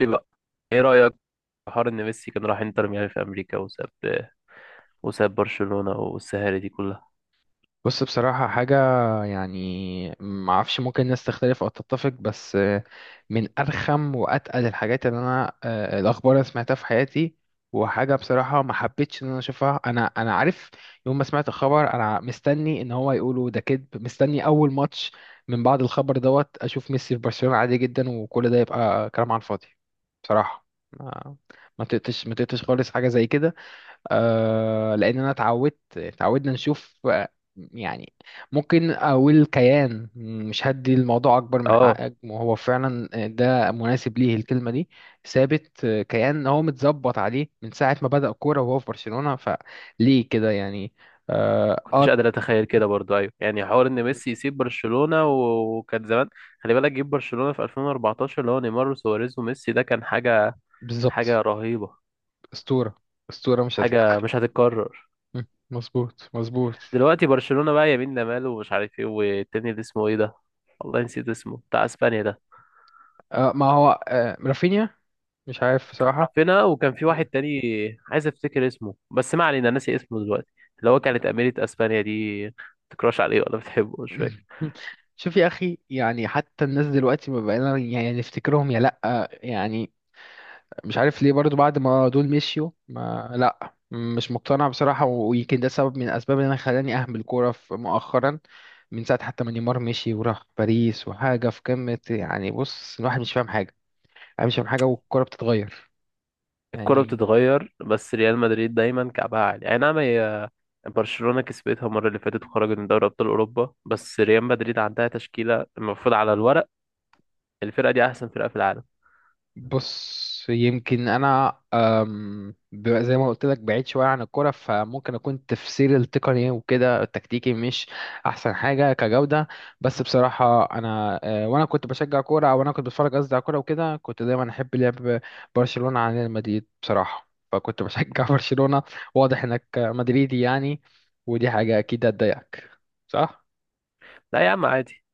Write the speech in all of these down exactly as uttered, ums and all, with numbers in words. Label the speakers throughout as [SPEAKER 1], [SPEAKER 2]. [SPEAKER 1] ايه بقى؟ ايه رأيك في حوار ان ميسي كان راح انتر ميامي في امريكا وساب وساب برشلونة والسهالة دي كلها.
[SPEAKER 2] بص، بصراحة حاجة، يعني ما اعرفش ممكن الناس تختلف او تتفق بس آه، من ارخم واتقل الحاجات اللي انا آه، الاخبار اللي سمعتها في حياتي. وحاجة بصراحة ما حبيتش ان انا اشوفها. انا انا عارف يوم ما سمعت الخبر، انا مستني ان هو يقولوا ده كذب، مستني اول ماتش من بعد الخبر دوت اشوف ميسي في برشلونة عادي جدا، وكل ده يبقى كلام على الفاضي بصراحة. ما ما تقتش ما تقتش خالص حاجة زي كده. آه، لان انا اتعودت اتعودنا نشوف، آه، يعني ممكن اقول كيان، مش هدي الموضوع اكبر من
[SPEAKER 1] اه،
[SPEAKER 2] حقه، وهو فعلا ده مناسب ليه الكلمه دي. ثابت، آه، كيان هو متظبط عليه من ساعه ما بدأ كوره وهو في برشلونه، فليه كده يعني؟ اه,
[SPEAKER 1] كنتش
[SPEAKER 2] آه
[SPEAKER 1] قادر اتخيل كده برضو. ايوه يعني حوار ان ميسي يسيب برشلونة، و- وكان زمان. خلي بالك جيب برشلونة في ألفين وأربعتاشر اللي هو نيمار وسواريز وميسي، ده كان حاجة.
[SPEAKER 2] بالظبط.
[SPEAKER 1] حاجة رهيبة.
[SPEAKER 2] اسطوره، اسطوره مش
[SPEAKER 1] حاجة
[SPEAKER 2] هتك.
[SPEAKER 1] مش هتتكرر.
[SPEAKER 2] م، مظبوط مظبوط.
[SPEAKER 1] دلوقتي برشلونة بقى يمين لمال ومش عارف ايه، والتاني اللي اسمه ايه ده، والله نسيت اسمه، بتاع اسبانيا ده.
[SPEAKER 2] آه، ما هو آه رافينيا. مش عارف بصراحه.
[SPEAKER 1] رافينا، وكان في واحد
[SPEAKER 2] م،
[SPEAKER 1] تاني. عايز افتكر اسمه بس ما علينا، ناسي اسمه دلوقتي. اللي هو
[SPEAKER 2] م.
[SPEAKER 1] كانت أميرة اسبانيا دي بتكراش عليه ولا بتحبه، مش فاكر.
[SPEAKER 2] شوف يا اخي، يعني حتى الناس دلوقتي ما بقينا يعني نفتكرهم يا لا. يعني مش عارف ليه برضو بعد ما دول مشيوا ما لا، مش مقتنع بصراحة. ويمكن ده سبب من الأسباب اللي أنا خلاني أهمل الكورة في- مؤخرا. من ساعة حتى ما نيمار مشي وراح باريس وحاجة في قمة، يعني بص الواحد مش فاهم حاجة. أنا مش فاهم حاجة والكورة بتتغير.
[SPEAKER 1] الكرة
[SPEAKER 2] يعني
[SPEAKER 1] بتتغير، بس ريال مدريد دايما كعبها عالي، اي نعم. هي برشلونة كسبتها المرة اللي فاتت وخرجت من دوري ابطال اوروبا، بس ريال مدريد عندها تشكيلة المفروض على الورق الفرقة دي احسن فرقة في العالم.
[SPEAKER 2] بص، يمكن انا أم، ب- زي ما قلت لك بعيد شويه عن الكوره، فممكن اكون تفسيري التقني وكده التكتيكي مش احسن حاجه كجوده. بس بصراحه انا، أه، وانا كنت بشجع كوره، او انا كنت بتفرج قصدي على كوره وكده، كنت دايما احب لعب برشلونه عن ريال مدريد بصراحه، فكنت بشجع برشلونه. واضح انك مدريدي يعني، ودي حاجه اكيد هتضايقك، صح؟
[SPEAKER 1] لا يا عم عادي.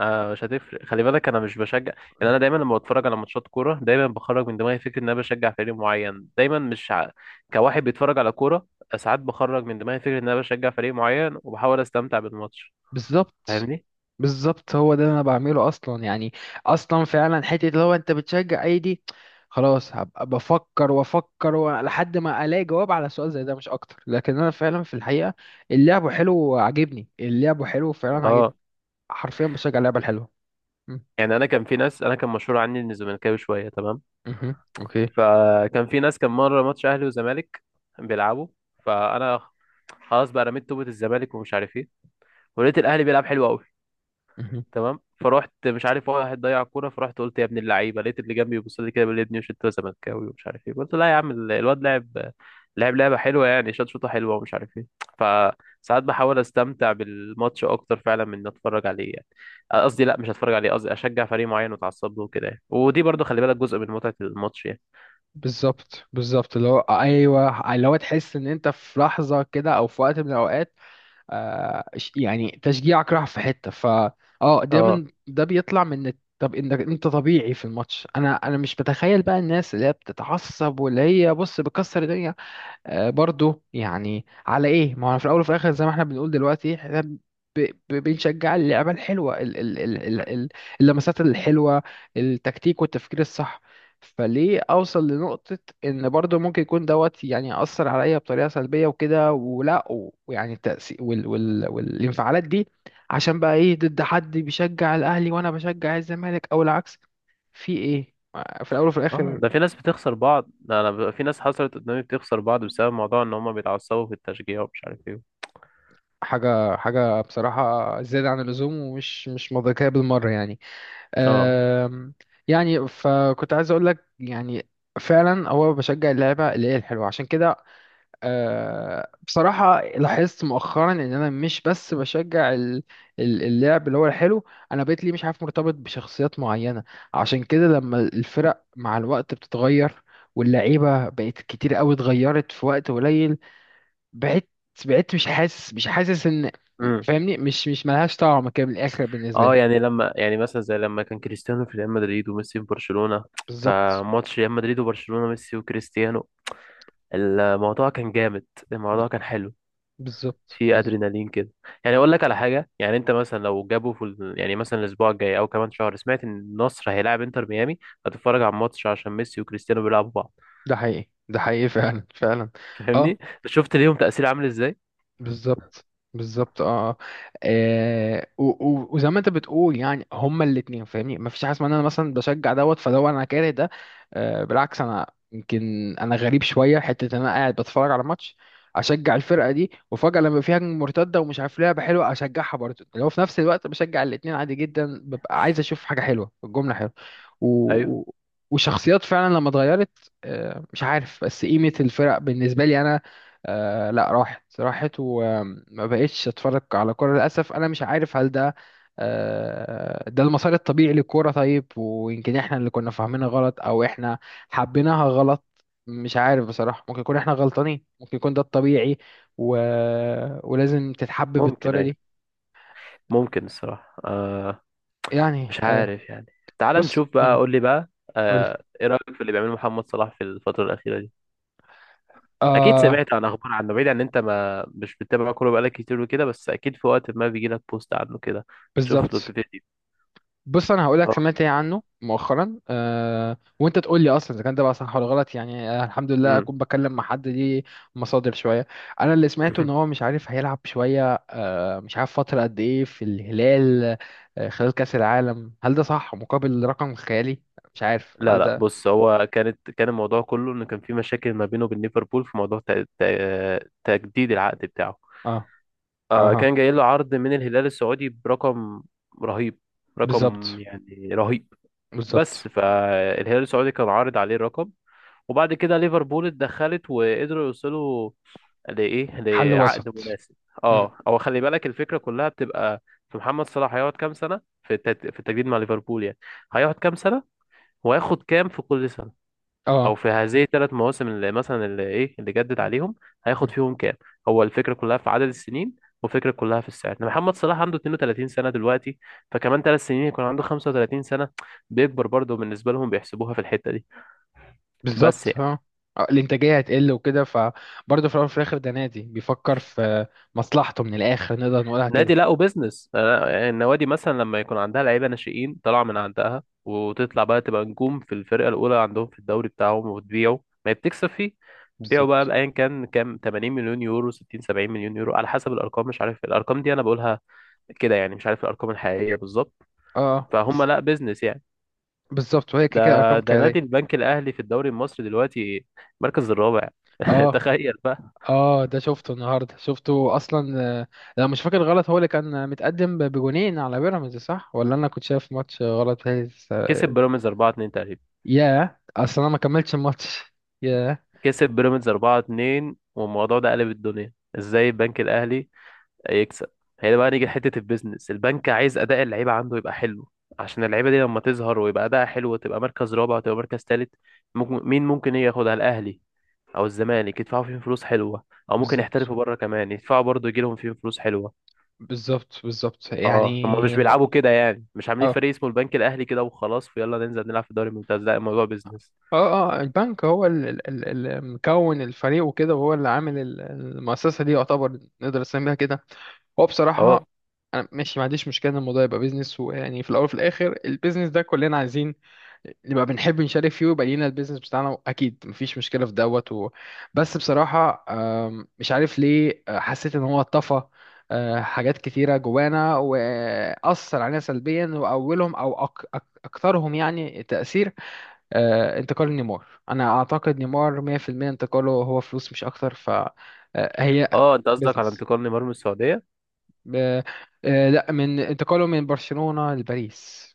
[SPEAKER 1] آه، مش هتفرق، خلي بالك انا مش بشجع. يعني انا دايما لما بتفرج على ماتشات كوره دايما بخرج من دماغي فكره ان انا بشجع فريق معين دايما مش ع... كواحد بيتفرج على كوره. ساعات بخرج من دماغي فكره ان انا بشجع فريق معين وبحاول استمتع بالماتش.
[SPEAKER 2] بالظبط،
[SPEAKER 1] فاهمني؟
[SPEAKER 2] بالظبط هو ده اللي انا بعمله اصلا، يعني اصلا فعلا، حته اللي هو انت بتشجع اي دي؟ خلاص هبقى بفكر وافكر و- لحد ما الاقي جواب على سؤال زي ده مش اكتر. لكن انا فعلا في الحقيقه اللعب حلو وعاجبني، اللعب حلو فعلا عاجبني.
[SPEAKER 1] اه،
[SPEAKER 2] حرفيا بشجع اللعبه الحلوه. م-
[SPEAKER 1] يعني انا كان في ناس، انا كان مشهور عني اني زملكاوي شويه، تمام.
[SPEAKER 2] مهم. اوكي.
[SPEAKER 1] فكان في ناس، كان مره ماتش اهلي وزمالك بيلعبوا، فانا خلاص بقى رميت توبة الزمالك ومش عارف ايه، ولقيت الاهلي بيلعب حلو قوي.
[SPEAKER 2] مهم.
[SPEAKER 1] تمام، فرحت، مش عارف، واحد ضيع كوره فرحت قلت يا ابن اللعيبه. لقيت اللي جنبي بيبص لي كده بيقول لي يا ابني مش انت زملكاوي ومش عارف ايه. قلت لا يا عم، ال- الواد لعب، لعب لعبه حلوه يعني، شاط شوطه حلوه ومش عارف ايه. فساعات بحاول استمتع بالماتش اكتر فعلا من إني اتفرج عليه يعني. قصدي لا، مش هتفرج عليه، قصدي اشجع فريق معين واتعصب له كده يعني. ودي برضه خلي بالك جزء من متعه الماتش يعني.
[SPEAKER 2] بالظبط بالظبط، اللي هو ايوه اللي هو تحس ان انت في لحظه كده او في وقت من الاوقات، آه، ش- يعني تشجيعك راح في حتة، ف اه ده
[SPEAKER 1] اه.
[SPEAKER 2] من ده بيطلع من إنك- طب انك انت طبيعي في الماتش. انا انا مش بتخيل بقى الناس اللي هي بتتعصب واللي هي بص بتكسر الدنيا، آه، برضو يعني على ايه؟ ما هو في الاول وفي الاخر، زي ما احنا بنقول دلوقتي احنا ب- ب- بنشجع اللعبه الحلوه، ال- ال- ال- ال- ال- اللمسات الحلوه، التكتيك والتفكير الصح. فليه اوصل لنقطه ان برضو ممكن يكون دوت يعني ياثر عليا بطريقه سلبيه وكده ولا، و- ويعني التاثير وال وال والانفعالات دي، عشان بقى ايه؟ ضد حد بيشجع الاهلي وانا بشجع الزمالك او العكس؟ في ايه في الاول وفي
[SPEAKER 1] اه،
[SPEAKER 2] الاخر؟
[SPEAKER 1] ده في ناس بتخسر بعض. ده انا ب- في ناس حصلت قدامي بتخسر بعض بسبب موضوع ان هم بيتعصبوا في التشجيع ومش عارف ايه.
[SPEAKER 2] حاجة، حاجة بصراحة زيادة عن اللزوم ومش مش منطقية بالمرة يعني.
[SPEAKER 1] اه.
[SPEAKER 2] أم، يعني فكنت عايز أقول لك، يعني فعلا هو بشجع اللعبة اللي هي الحلوة. عشان كده أه، بصراحة لاحظت مؤخرا إن أنا مش بس بشجع ال- ال- اللعب اللي هو الحلو. أنا بقيت لي مش عارف مرتبط بشخصيات معينة. عشان كده لما الفرق مع الوقت بتتغير، واللعيبة بقت كتير قوي اتغيرت في وقت قليل، بعدت بعدت، مش حاسس، مش حاسس ان، فاهمني؟ مش مش ملهاش طعم كده من الاخر بالنسبه
[SPEAKER 1] اه،
[SPEAKER 2] لي.
[SPEAKER 1] يعني لما، يعني مثلا زي لما كان كريستيانو في ريال مدريد وميسي في برشلونة،
[SPEAKER 2] بالظبط،
[SPEAKER 1] فماتش ريال مدريد وبرشلونة، ميسي وكريستيانو، الموضوع كان جامد.
[SPEAKER 2] ب-
[SPEAKER 1] الموضوع كان حلو.
[SPEAKER 2] بالظبط
[SPEAKER 1] في
[SPEAKER 2] بالظبط.
[SPEAKER 1] ادرينالين كده. يعني اقول لك على حاجة، يعني انت مثلا لو جابوا في ال- يعني مثلا الاسبوع الجاي او كمان شهر سمعت ان النصر هيلاعب انتر ميامي، هتتفرج على الماتش عشان ميسي وكريستيانو بيلعبوا بعض.
[SPEAKER 2] ده حقيقي ده حقيقي فعلا فعلا. اه
[SPEAKER 1] فاهمني؟ شفت ليهم تأثير عامل ازاي.
[SPEAKER 2] بالظبط بالظبط، اه آه، آه، و- و- وزي ما انت بتقول يعني هما الاتنين، فاهمني؟ مفيش حاجه اسمها ان انا مثلا بشجع دوت فدوت انا كاره ده. آه، بالعكس انا، يمكن انا غريب شويه، حته ان انا قاعد بتفرج على ماتش اشجع الفرقه دي، وفجاه لما في هجمه مرتده ومش عارف لعبه حلوه اشجعها برضه، اللي هو في نفس الوقت بشجع الاتنين عادي جدا، ببقى عايز اشوف حاجه حلوه، الجمله حلوه، و...
[SPEAKER 1] ايوه.
[SPEAKER 2] و... وشخصيات فعلا لما اتغيرت، آه، مش عارف بس قيمه الفرق بالنسبه لي انا، آه لا راحت راحت، وما بقتش اتفرج على كوره للاسف. انا مش عارف هل ده آه ده المسار الطبيعي للكوره؟ طيب، ويمكن احنا اللي كنا فاهمينها غلط، او احنا حبيناها غلط. مش عارف بصراحه، ممكن يكون احنا غلطانين، ممكن يكون ده الطبيعي و... ولازم تتحب
[SPEAKER 1] ممكن،
[SPEAKER 2] بالطريقه
[SPEAKER 1] ايوه
[SPEAKER 2] دي.
[SPEAKER 1] ممكن الصراحة، آه.
[SPEAKER 2] يعني
[SPEAKER 1] مش
[SPEAKER 2] آه.
[SPEAKER 1] عارف يعني. تعال
[SPEAKER 2] بص،
[SPEAKER 1] نشوف بقى،
[SPEAKER 2] آه،
[SPEAKER 1] قول لي بقى.
[SPEAKER 2] قولي.
[SPEAKER 1] آه، ايه رأيك في اللي بيعمله محمد صلاح في الفترة الأخيرة دي؟ اكيد
[SPEAKER 2] اه
[SPEAKER 1] سمعت عن اخبار عنه، بعيد عن انت ما مش بتتابع كوره بقالك كتير وكده، بس اكيد في وقت ما بيجي لك بوست عنه كده، تشوف له
[SPEAKER 2] بالظبط.
[SPEAKER 1] فيديو.
[SPEAKER 2] بص انا هقول لك
[SPEAKER 1] اه.
[SPEAKER 2] سمعت ايه عنه مؤخرا، أه وانت تقول لي اصلا اذا كان ده بقى صح ولا غلط. يعني آه، الحمد لله
[SPEAKER 1] امم.
[SPEAKER 2] اكون بكلم مع حد ليه مصادر شويه. انا اللي سمعته ان هو مش عارف هيلعب شويه، آه، مش عارف فتره قد ايه في الهلال، آه، خلال كاس العالم، هل ده صح؟ مقابل رقم خيالي، مش عارف
[SPEAKER 1] لا
[SPEAKER 2] هل
[SPEAKER 1] لا،
[SPEAKER 2] ده؟
[SPEAKER 1] بص هو كانت، كان الموضوع كله ان كان في مشاكل ما بينه وبين ليفربول في موضوع ت- ت- تجديد العقد بتاعه.
[SPEAKER 2] اه.
[SPEAKER 1] آه،
[SPEAKER 2] اها.
[SPEAKER 1] كان جاي له عرض من الهلال السعودي برقم رهيب. رقم
[SPEAKER 2] بالظبط
[SPEAKER 1] يعني رهيب.
[SPEAKER 2] بالظبط.
[SPEAKER 1] بس فالهلال السعودي كان عارض عليه رقم، وبعد كده ليفربول اتدخلت وقدروا يوصلوا لإيه،
[SPEAKER 2] حل
[SPEAKER 1] لعقد
[SPEAKER 2] وسط.
[SPEAKER 1] مناسب.
[SPEAKER 2] مم.
[SPEAKER 1] اه، هو خلي بالك الفكرة كلها بتبقى في محمد صلاح هيقعد كام سنة في التت... في التجديد مع ليفربول يعني. هيقعد كام سنة، وهياخد كام في كل سنة، او
[SPEAKER 2] اه
[SPEAKER 1] في هذه الثلاث مواسم اللي مثلا اللي ايه اللي جدد عليهم، هياخد فيهم كام. هو الفكره كلها في عدد السنين، والفكره كلها في السعر. إن محمد صلاح عنده اثنين وثلاثين سنه دلوقتي، فكمان تلات سنين يكون عنده خمسة وثلاثين سنه، بيكبر برضه بالنسبه لهم، بيحسبوها في الحته دي. بس
[SPEAKER 2] بالظبط، اه آه، الانتاجيه هتقل وكده، فبرضه في الاول وفي الاخر ده نادي بيفكر في مصلحته من الاخر، نقدر نقولها
[SPEAKER 1] نادي،
[SPEAKER 2] كده.
[SPEAKER 1] لا، وبزنس، أنا- النوادي مثلا لما يكون عندها لعيبه ناشئين طالعه من عندها، وتطلع بقى تبقى نجوم في الفرقه الاولى عندهم في الدوري بتاعهم، وتبيعه، ما هي بتكسب فيه. تبيعه بقى،
[SPEAKER 2] بالظبط
[SPEAKER 1] بايا كان كام، ثمانين مليون يورو، ستين سبعين مليون يورو، على حسب الارقام، مش عارف الارقام دي انا بقولها كده يعني، مش عارف الارقام الحقيقيه بالظبط.
[SPEAKER 2] اه،
[SPEAKER 1] فهم
[SPEAKER 2] بس
[SPEAKER 1] لا بيزنس يعني.
[SPEAKER 2] بالظبط، وهي كده
[SPEAKER 1] ده
[SPEAKER 2] كده ارقام
[SPEAKER 1] ده
[SPEAKER 2] خياليه.
[SPEAKER 1] نادي البنك الاهلي في الدوري المصري دلوقتي المركز الرابع.
[SPEAKER 2] اه.
[SPEAKER 1] تخيل بقى.
[SPEAKER 2] اه ده شفته النهارده، شفته اصلا، آه، لو مش فاكر غلط هو اللي كان متقدم ب- بجونين على بيراميدز، صح؟ ولا انا كنت شايف ماتش غلط؟ بيراميدز،
[SPEAKER 1] كسب بيراميدز أربعة اتنين تقريبا.
[SPEAKER 2] ياه اصلا انا ما كملتش الماتش. ياه.
[SPEAKER 1] كسب بيراميدز أربعة اتنين، والموضوع ده قلب الدنيا ازاي. البنك الاهلي هيكسب، هي ده بقى نيجي لحته البيزنس. البنك عايز اداء اللعيبه عنده يبقى حلو، عشان اللعيبه دي لما تظهر ويبقى اداء حلو وتبقى مركز رابع وتبقى مركز تالت، ممكن مين، ممكن إيه، ياخدها الاهلي او الزمالك يدفعوا فيهم فلوس حلوه، او ممكن
[SPEAKER 2] بالظبط
[SPEAKER 1] يحترفوا بره كمان يدفعوا برضه يجي لهم فيهم فلوس حلوه.
[SPEAKER 2] بالظبط بالظبط
[SPEAKER 1] اه، هم مش
[SPEAKER 2] يعني م-
[SPEAKER 1] بيلعبوا كده يعني، مش عاملين
[SPEAKER 2] اه
[SPEAKER 1] فريق اسمه البنك الاهلي كده وخلاص ويلا ننزل نلعب في الدوري الممتاز، لا الموضوع بيزنس.
[SPEAKER 2] اه اه. البنك هو اللي مكون الفريق وكده، وهو اللي عامل ال- المؤسسة دي، يعتبر نقدر نسميها كده. هو بصراحة
[SPEAKER 1] اه.
[SPEAKER 2] أنا ماشي، ما عنديش مشكلة إن الموضوع يبقى بيزنس، ويعني في الأول وفي الآخر البيزنس ده كلنا عايزين نبقى بنحب نشارك فيه، ويبقى لينا البيزنس بتاعنا أكيد، مفيش مشكلة في دوت و... بس بصراحة آم، مش عارف ليه آه، حسيت إن هو طفى آه، حاجات كتيرة جوانا وأثر علينا سلبيا، وأولهم أو أك... أك... أكثرهم يعني تأثير، آه، انتقال نيمار. انا اعتقد نيمار مية بالمية انتقاله هو فلوس مش اكتر، فهي
[SPEAKER 1] اه، انت قصدك على
[SPEAKER 2] بزنس.
[SPEAKER 1] انتقال نيمار من السعوديه.
[SPEAKER 2] لا، من انتقاله من برشلونة لباريس،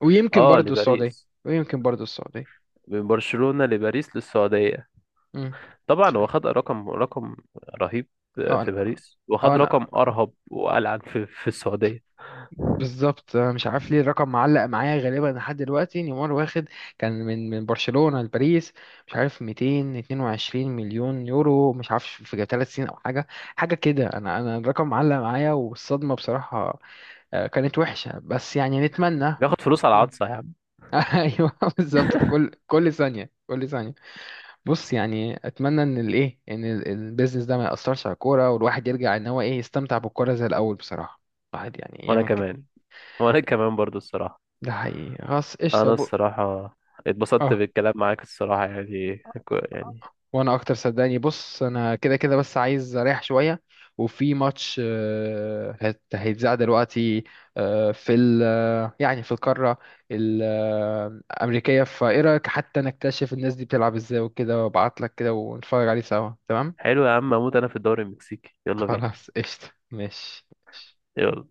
[SPEAKER 2] ويمكن
[SPEAKER 1] اه،
[SPEAKER 2] برضو السعودية،
[SPEAKER 1] لباريس،
[SPEAKER 2] ويمكن برضو السعودية.
[SPEAKER 1] من برشلونة لباريس للسعودية.
[SPEAKER 2] مم. مش
[SPEAKER 1] طبعا هو
[SPEAKER 2] عارف.
[SPEAKER 1] خد رقم، رقم رهيب
[SPEAKER 2] اه انا،
[SPEAKER 1] في باريس،
[SPEAKER 2] اه
[SPEAKER 1] وخد
[SPEAKER 2] انا
[SPEAKER 1] رقم أرهب وألعن في, في السعودية.
[SPEAKER 2] بالظبط. أنا مش عارف ليه الرقم معلق معايا غالبا لحد دلوقتي، نيمار واخد كان من من برشلونة لباريس، مش عارف ميتين واتنين وعشرين مليون يورو، مش عارف في ثلاث سنين او حاجه، حاجه كده، انا انا الرقم معلق معايا والصدمه بصراحه، آه، كانت وحشه، بس يعني نتمنى.
[SPEAKER 1] بياخد فلوس على
[SPEAKER 2] مم.
[SPEAKER 1] العطسة يا عم.
[SPEAKER 2] ايوه بالظبط. كل كل ثانيه، كل ثانيه. بص يعني اتمنى ان الايه، ان ال- البيزنس ده ما ياثرش على الكوره، والواحد يرجع ان هو ايه، يستمتع بالكوره زي الاول بصراحه. الواحد يعني
[SPEAKER 1] وأنا
[SPEAKER 2] يعمل كده.
[SPEAKER 1] كمان وأنا كمان برضو الصراحة.
[SPEAKER 2] ده حقيقي خلاص قشطة
[SPEAKER 1] أنا
[SPEAKER 2] بق...
[SPEAKER 1] الصراحة اتبسطت
[SPEAKER 2] اه،
[SPEAKER 1] بالكلام معاك الصراحة يعني، يعني.
[SPEAKER 2] وانا اكتر صدقني. بص انا كده كده بس عايز اريح شوية. وفي ماتش، آه، هت- هيتذاع دلوقتي آه، في ال آه، يعني في القارة الأمريكية، فايه رأيك حتى نكتشف الناس دي بتلعب ازاي وكده، وابعتلك كده ونتفرج عليه سوا، تمام؟
[SPEAKER 1] حلو يا عم، أموت أنا في الدوري المكسيكي، يلا بينا.
[SPEAKER 2] خلاص قشطة ماشي.
[SPEAKER 1] يلا.